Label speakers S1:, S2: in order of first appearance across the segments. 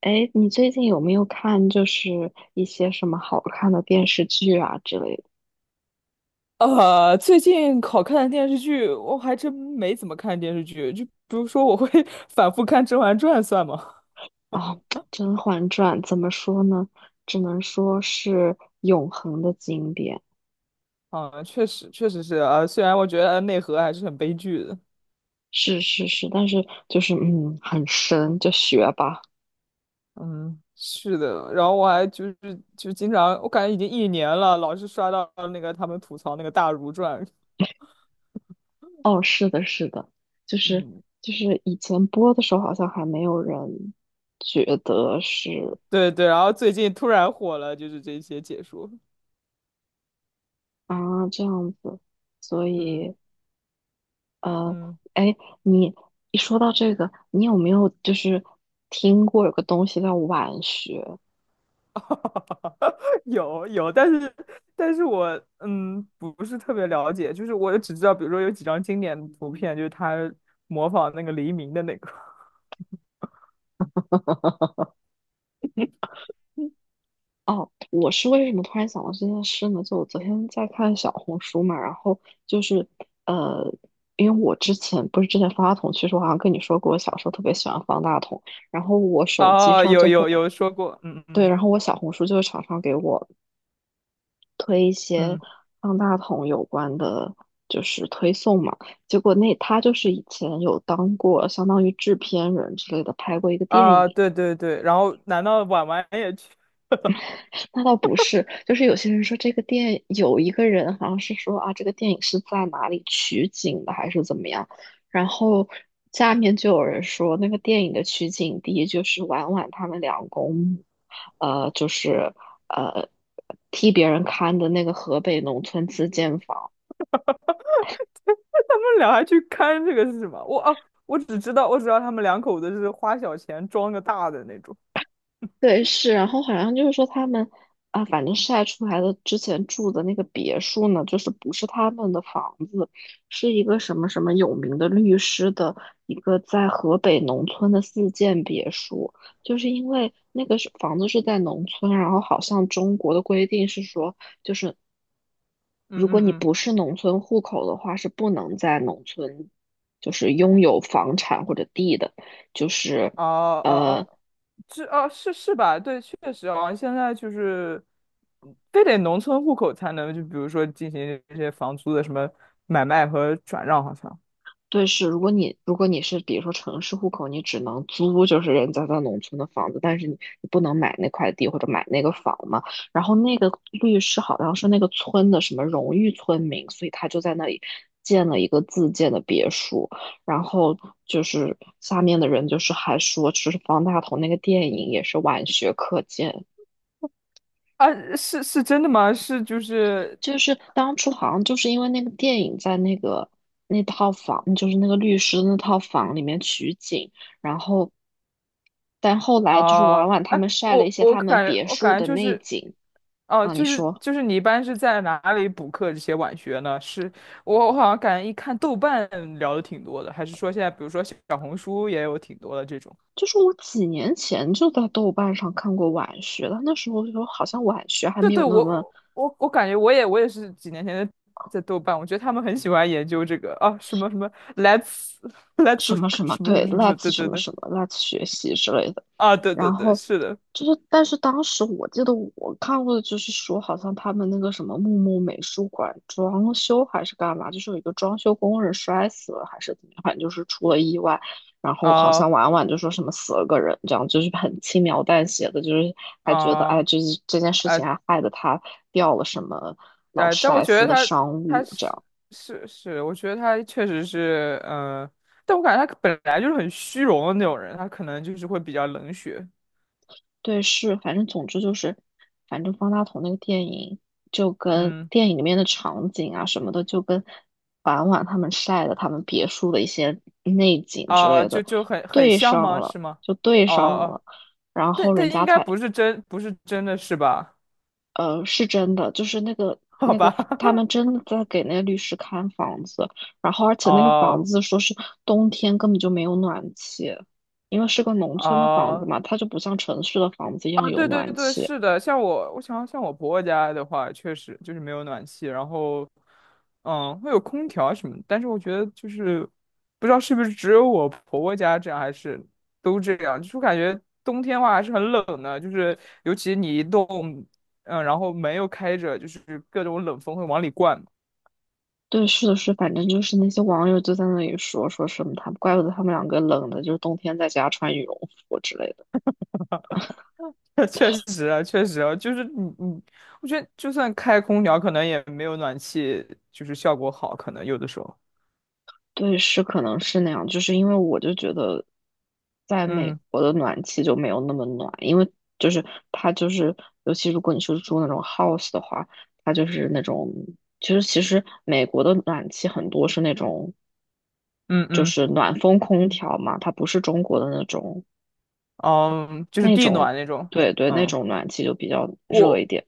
S1: 哎，你最近有没有看一些什么好看的电视剧啊之类的
S2: 最近好看的电视剧，我还真没怎么看电视剧。就比如说，我会 反复看《甄嬛传》算吗？
S1: 啊？《甄嬛传》怎么说呢？只能说是永恒的经典，
S2: 啊，确实，确实是啊。虽然我觉得内核还是很悲剧的。
S1: 是是是，但是很深，就学吧。
S2: 嗯，是的。然后我还就是就经常，我感觉已经一年了，老是刷到那个他们吐槽那个《大儒传》。
S1: 哦，是的，是的，就是
S2: 嗯，
S1: 以前播的时候好像还没有人觉得是
S2: 对对。然后最近突然火了，就是这些解说。
S1: 啊，这样子，所
S2: 嗯
S1: 以。呃，
S2: 嗯。
S1: 哎，你一说到这个，你有没有听过有个东西叫晚学？
S2: 有有，但是我不是特别了解，就是我只知道，比如说有几张经典的图片，就是他模仿那个黎明的那个。
S1: 哦，我是为什么突然想到这件事呢？就我昨天在看小红书嘛，然后就是呃，因为我之前不是之前方大同其实我好像跟你说过，我小时候特别喜欢方大同，然后我手机
S2: 哦，
S1: 上
S2: 有
S1: 就会
S2: 有有说过，嗯
S1: 对，
S2: 嗯
S1: 然后我小红书就会常常给我推一些
S2: 嗯
S1: 方大同有关的，就是推送嘛。结果那他就是以前有当过相当于制片人之类的，拍过一个电
S2: 啊，
S1: 影。
S2: 对对对。然后难道婉婉也去？
S1: 那倒不是，就是有些人说这个电有一个人好像是说啊，这个电影是在哪里取景的，还是怎么样？然后下面就有人说，那个电影的取景地就是婉婉他们两公母呃，就是呃替别人看的那个河北农村自建房。
S2: 他们俩还去看这个是什么？我啊，我只知道他们两口子是花小钱装个大的那种。
S1: 对，是，然后好像就是说他们啊，反正晒出来的之前住的那个别墅呢，就是不是他们的房子，是一个什么什么有名的律师的一个在河北农村的自建别墅，就是因为那个是房子是在农村，然后好像中国的规定是说，就是
S2: 嗯
S1: 如
S2: 嗯
S1: 果你
S2: 嗯，
S1: 不是农村户口的话，是不能在农村就是拥有房产或者地的，就是。
S2: 哦哦。
S1: 呃。
S2: 是啊，是是吧？对，确实啊，现在就是，非得农村户口才能，就比如说进行这些房租的什么买卖和转让，好像。
S1: 对，是，如果你如果你是比如说城市户口，你只能租就是人家在农村的房子，但是你你不能买那块地或者买那个房嘛。然后那个律师好像是那个村的什么荣誉村民，所以他就在那里建了一个自建的别墅。然后就是下面的人就是还说，就是方大同那个电影也是晚学课件，
S2: 啊，是是真的吗？是就是
S1: 就是当初好像就是因为那个电影在那个那套房，就是那个律师的那套房里面取景。然后但后来就是
S2: 啊。
S1: 婉婉他
S2: 哎，
S1: 们晒了一
S2: 我
S1: 些
S2: 我
S1: 他们
S2: 感觉
S1: 别
S2: 我
S1: 墅
S2: 感
S1: 的
S2: 觉就
S1: 内
S2: 是，
S1: 景
S2: 哦、
S1: 啊，你
S2: 就是
S1: 说，
S2: 就是你一般是在哪里补课这些晚学呢？是我好像感觉一看豆瓣聊的挺多的，还是说现在比如说小红书也有挺多的这种。
S1: 就是我几年前就在豆瓣上看过晚学了，那时候就好像晚学还
S2: 对
S1: 没
S2: 对，
S1: 有那么
S2: 我感觉我也是几年前在豆瓣，我觉得他们很喜欢研究这个啊什么什么 let's
S1: 什
S2: let's
S1: 么什么，
S2: 什么什
S1: 对
S2: 么什么什么，
S1: ，let's
S2: 对
S1: 什
S2: 对
S1: 么
S2: 对
S1: 什么，let's 学习之类的。
S2: 啊对对
S1: 然
S2: 对，
S1: 后
S2: 是的。
S1: 就是，但是当时我记得我看过的就是说，好像他们那个什么木木美术馆装修还是干嘛，就是有一个装修工人摔死了还是怎么样，反正就是出了意外。然后好像
S2: 啊
S1: 婉婉就说什么死了个人，这样就是很轻描淡写的，就是还觉得哎，
S2: 啊
S1: 这件事情
S2: 啊
S1: 还害得他掉了什么劳
S2: 啊！
S1: 斯
S2: 但我
S1: 莱
S2: 觉
S1: 斯
S2: 得
S1: 的
S2: 他
S1: 商
S2: 他
S1: 务这
S2: 是
S1: 样。
S2: 是是，我觉得他确实是但我感觉他本来就是很虚荣的那种人，他可能就是会比较冷血，
S1: 对，是，反正总之就是，反正方大同那个电影就跟
S2: 嗯。
S1: 电影里面的场景啊什么的，就跟婉婉他们晒的他们别墅的一些内景之类的
S2: 很
S1: 对
S2: 像
S1: 上
S2: 吗？
S1: 了，
S2: 是吗？
S1: 就对上
S2: 哦，
S1: 了，然后
S2: 但
S1: 人
S2: 但应
S1: 家
S2: 该
S1: 才
S2: 不是真的是吧？
S1: 是真的，就是那个
S2: 好
S1: 那个
S2: 吧。
S1: 他们 真的在给那个律师看房子，然后而且那个房
S2: 哦
S1: 子说是冬天根本就没有暖气，因为是个农村的房子
S2: 哦。
S1: 嘛，它就不像城市的房子一样
S2: 啊，
S1: 有
S2: 对对
S1: 暖
S2: 对，
S1: 气。
S2: 是的，像我，我想像我婆婆家的话，确实就是没有暖气，然后，嗯，会有空调什么的。但是我觉得就是不知道是不是只有我婆婆家这样，还是都这样，就是我感觉冬天的话还是很冷的，就是尤其你一动，嗯，然后门又开着，就是各种冷风会往里灌。
S1: 对，是的是，反正就是那些网友就在那里说说什么他，怪不得他们两个冷的，就是冬天在家穿羽绒服之类的。
S2: 确实啊，确实啊，就是你，我觉得就算开空调，可能也没有暖气就是效果好，可能有的时候。
S1: 对，是可能是那样，就是因为我就觉得，在美
S2: 嗯
S1: 国的暖气就没有那么暖，因为就是它就是，尤其如果你是住那种 house 的话，它就是那种，其实美国的暖气很多是那种，
S2: 嗯
S1: 就
S2: 嗯，
S1: 是暖风空调嘛，它不是中国的那种
S2: 嗯，就是
S1: 那
S2: 地
S1: 种，
S2: 暖那种，
S1: 对对，那
S2: 嗯。
S1: 种暖气就比较热一
S2: 我
S1: 点。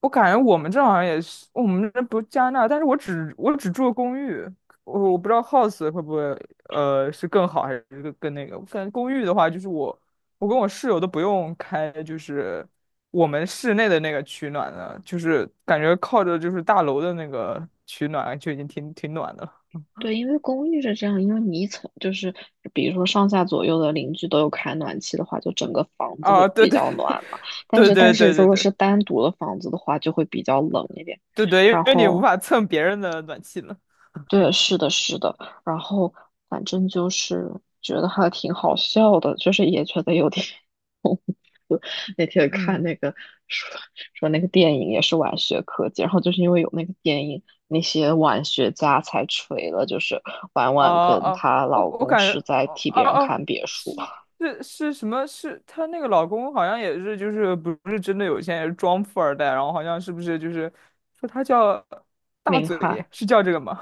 S2: 我感觉我们这好像也是，我们这不加拿大，但是我只住公寓，我不知道 house 会不会是更好还是更那个，我感觉公寓的话，就是我我跟我室友都不用开，就是我们室内的那个取暖的，就是感觉靠着就是大楼的那个取暖就已经挺暖的了。
S1: 对，因为公寓是这样，因为你一层就是比如说上下左右的邻居都有开暖气的话，就整个房子会
S2: 啊，对
S1: 比
S2: 对。
S1: 较暖嘛。但
S2: 对
S1: 是但
S2: 对
S1: 是
S2: 对
S1: 如
S2: 对
S1: 果
S2: 对。
S1: 是单独的房子的话，就会比较冷一点。
S2: 对对，因
S1: 然
S2: 为你无
S1: 后
S2: 法蹭别人的暖气了，
S1: 对，是的，是的。然后反正就是觉得还挺好笑的，就是也觉得有点 那天看
S2: 嗯。
S1: 那个说说那个电影也是晚学科技，然后就是因为有那个电影，那些晚学家才锤了，就是婉婉
S2: 啊
S1: 跟
S2: 啊，
S1: 她
S2: 我
S1: 老
S2: 我
S1: 公
S2: 感
S1: 是
S2: 觉，
S1: 在替别人
S2: 哦，
S1: 看别墅。
S2: 是。 是什么？是她那个老公好像也是，就是不是真的有钱，也是装富二代，然后好像是不是就是说她叫大
S1: 林
S2: 嘴，
S1: 翰
S2: 是叫这个吗？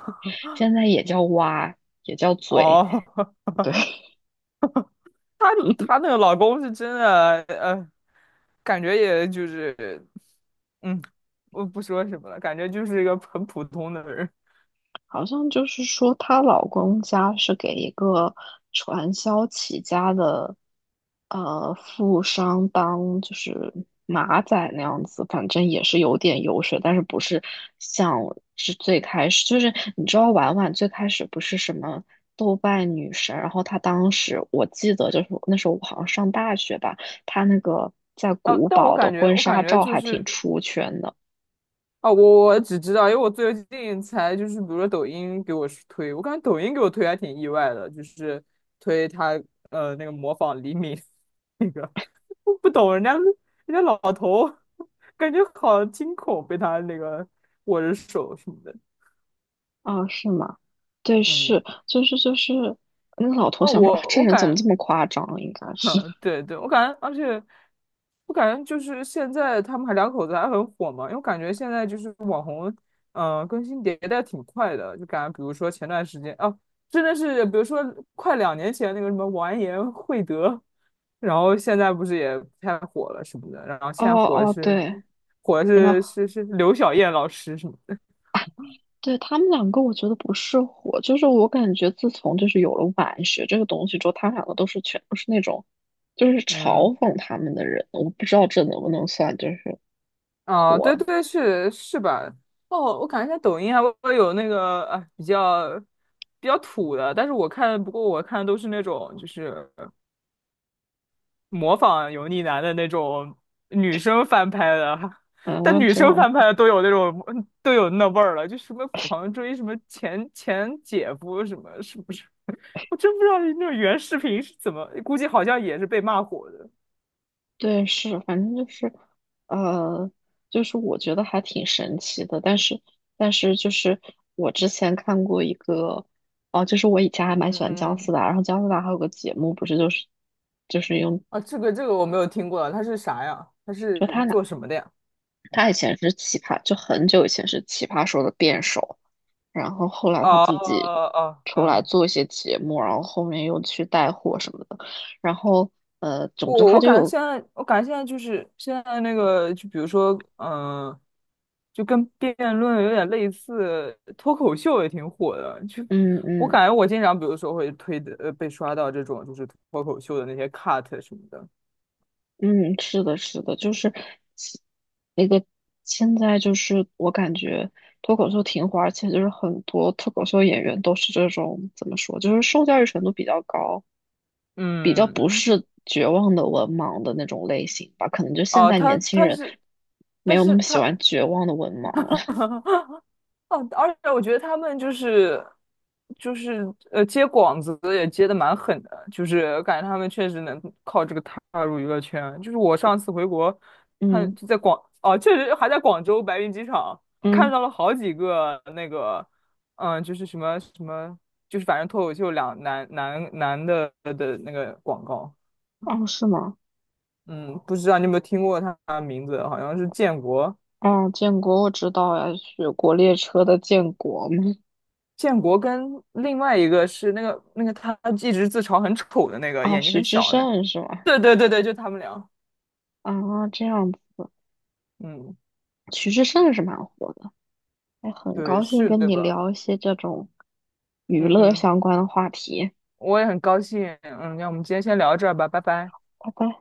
S1: 现在也叫歪，也叫 嘴，
S2: 哦，
S1: 对。
S2: 她。她 那个老公是真的，感觉也就是，嗯，我不说什么了，感觉就是一个很普通的人。
S1: 好像就是说她老公家是给一个传销起家的富商当就是马仔那样子，反正也是有点油水，但是不是像是最开始，就是你知道婉婉最开始不是什么。豆瓣女神，然后她当时我记得就是那时候我好像上大学吧，她那个在
S2: 啊，
S1: 古
S2: 但我
S1: 堡的
S2: 感觉，
S1: 婚
S2: 我感
S1: 纱
S2: 觉
S1: 照
S2: 就
S1: 还
S2: 是。
S1: 挺出圈的。
S2: 啊，我只知道，因为我最近才就是，比如说抖音给我是推，我感觉抖音给我推还挺意外的，就是推他那个模仿黎明 那个，我不懂人家老头，感觉好惊恐，被他那个握着手什么的。
S1: 哦，是吗？对，
S2: 嗯。
S1: 是，那个老头
S2: 哦，
S1: 想说啊，
S2: 我
S1: 这
S2: 我
S1: 人怎么
S2: 感
S1: 这么夸张啊？应该 是，
S2: 嗯，对对，我感觉，而且我感觉就是现在他们两口子还很火嘛，因为我感觉现在就是网红，更新迭代挺快的，就感觉比如说前段时间啊，真的是比如说快两年前那个什么完颜慧德，然后现在不是也不太火了什么的，然后
S1: 哦
S2: 现在火的
S1: 哦，
S2: 是
S1: 对，
S2: 火的
S1: 那
S2: 是是刘晓燕老师什么的。
S1: 对他们两个，我觉得不是火，就是我感觉自从就是有了晚学这个东西之后，他们两个都是全都是那种，就是
S2: 嗯。
S1: 嘲讽他们的人，我不知道这能不能算就是
S2: 啊，对
S1: 火，
S2: 对对，是是吧？哦，我感觉在抖音还会有那个啊，哎比较土的，但是我看，不过我看都是那种就是模仿油腻男的那种女生翻拍的，
S1: 啊，
S2: 但女
S1: 这
S2: 生
S1: 样
S2: 翻拍
S1: 子。
S2: 的都有那味儿了，就什么狂追什么前姐夫什么，是不是？我真不知道那种原视频是怎么，估计好像也是被骂火的。
S1: 对，是，反正就是，呃，就是我觉得还挺神奇的，但是，但是就是我之前看过一个，哦、就是我以前还蛮喜
S2: 嗯
S1: 欢姜
S2: 嗯嗯。
S1: 思达，然后姜思达还有个节目，不是就是就是用，
S2: 啊，这个我没有听过，他是啥呀？他
S1: 就
S2: 是
S1: 他拿
S2: 做什么的呀？
S1: 他以前是奇葩，就很久以前是奇葩说的辩手，然后后来他
S2: 哦哦，
S1: 自己
S2: 哦哦
S1: 出来
S2: 嗯，
S1: 做一些节目，然后后面又去带货什么的，然后总之
S2: 我
S1: 他
S2: 我
S1: 就
S2: 感觉
S1: 有，
S2: 现在，我感觉现在就是现在那个，就比如说，就跟辩论有点类似，脱口秀也挺火的。就
S1: 嗯
S2: 我
S1: 嗯。
S2: 感觉我经常，比如说会推的，被刷到这种就是脱口秀的那些 cut 什么的。
S1: 嗯，是的，是的，就是其那个现在就是我感觉脱口秀挺火，而且就是很多脱口秀演员都是这种怎么说，就是受教育程度比较高，比较不
S2: 嗯，嗯。
S1: 是绝望的文盲的那种类型吧。可能就现
S2: 哦、
S1: 在年
S2: 他
S1: 轻
S2: 他
S1: 人
S2: 是
S1: 没
S2: 他
S1: 有那
S2: 是
S1: 么喜
S2: 他。
S1: 欢绝望的文盲了。
S2: 哦，而且我觉得他们就是接广子也接的蛮狠的，就是感觉他们确实能靠这个踏入娱乐圈。就是我上次回国 看
S1: 嗯
S2: 就在广，哦，确实还在广州白云机场看
S1: 嗯，
S2: 到了好几个那个嗯，就是什么什么，就是反正脱口秀两男的的那个广告，
S1: 哦，是吗？
S2: 嗯，不知道你有没有听过他的名字，好像是建国。
S1: 哦，建国我知道呀，雪国列车的建国嘛。
S2: 建国跟另外一个是那个他一直自嘲很丑的那个，
S1: 啊，
S2: 眼睛
S1: 徐
S2: 很
S1: 志
S2: 小的那个，
S1: 胜是吗？
S2: 对对对对，就他们俩，
S1: 啊，这样子，
S2: 嗯，
S1: 徐志胜是蛮火的。哎，很
S2: 对，
S1: 高兴
S2: 是
S1: 跟
S2: 的
S1: 你
S2: 吧？
S1: 聊一些这种娱
S2: 嗯
S1: 乐
S2: 嗯，
S1: 相关的话题，
S2: 我也很高兴，嗯，那我们今天先聊到这儿吧，拜拜。
S1: 拜拜。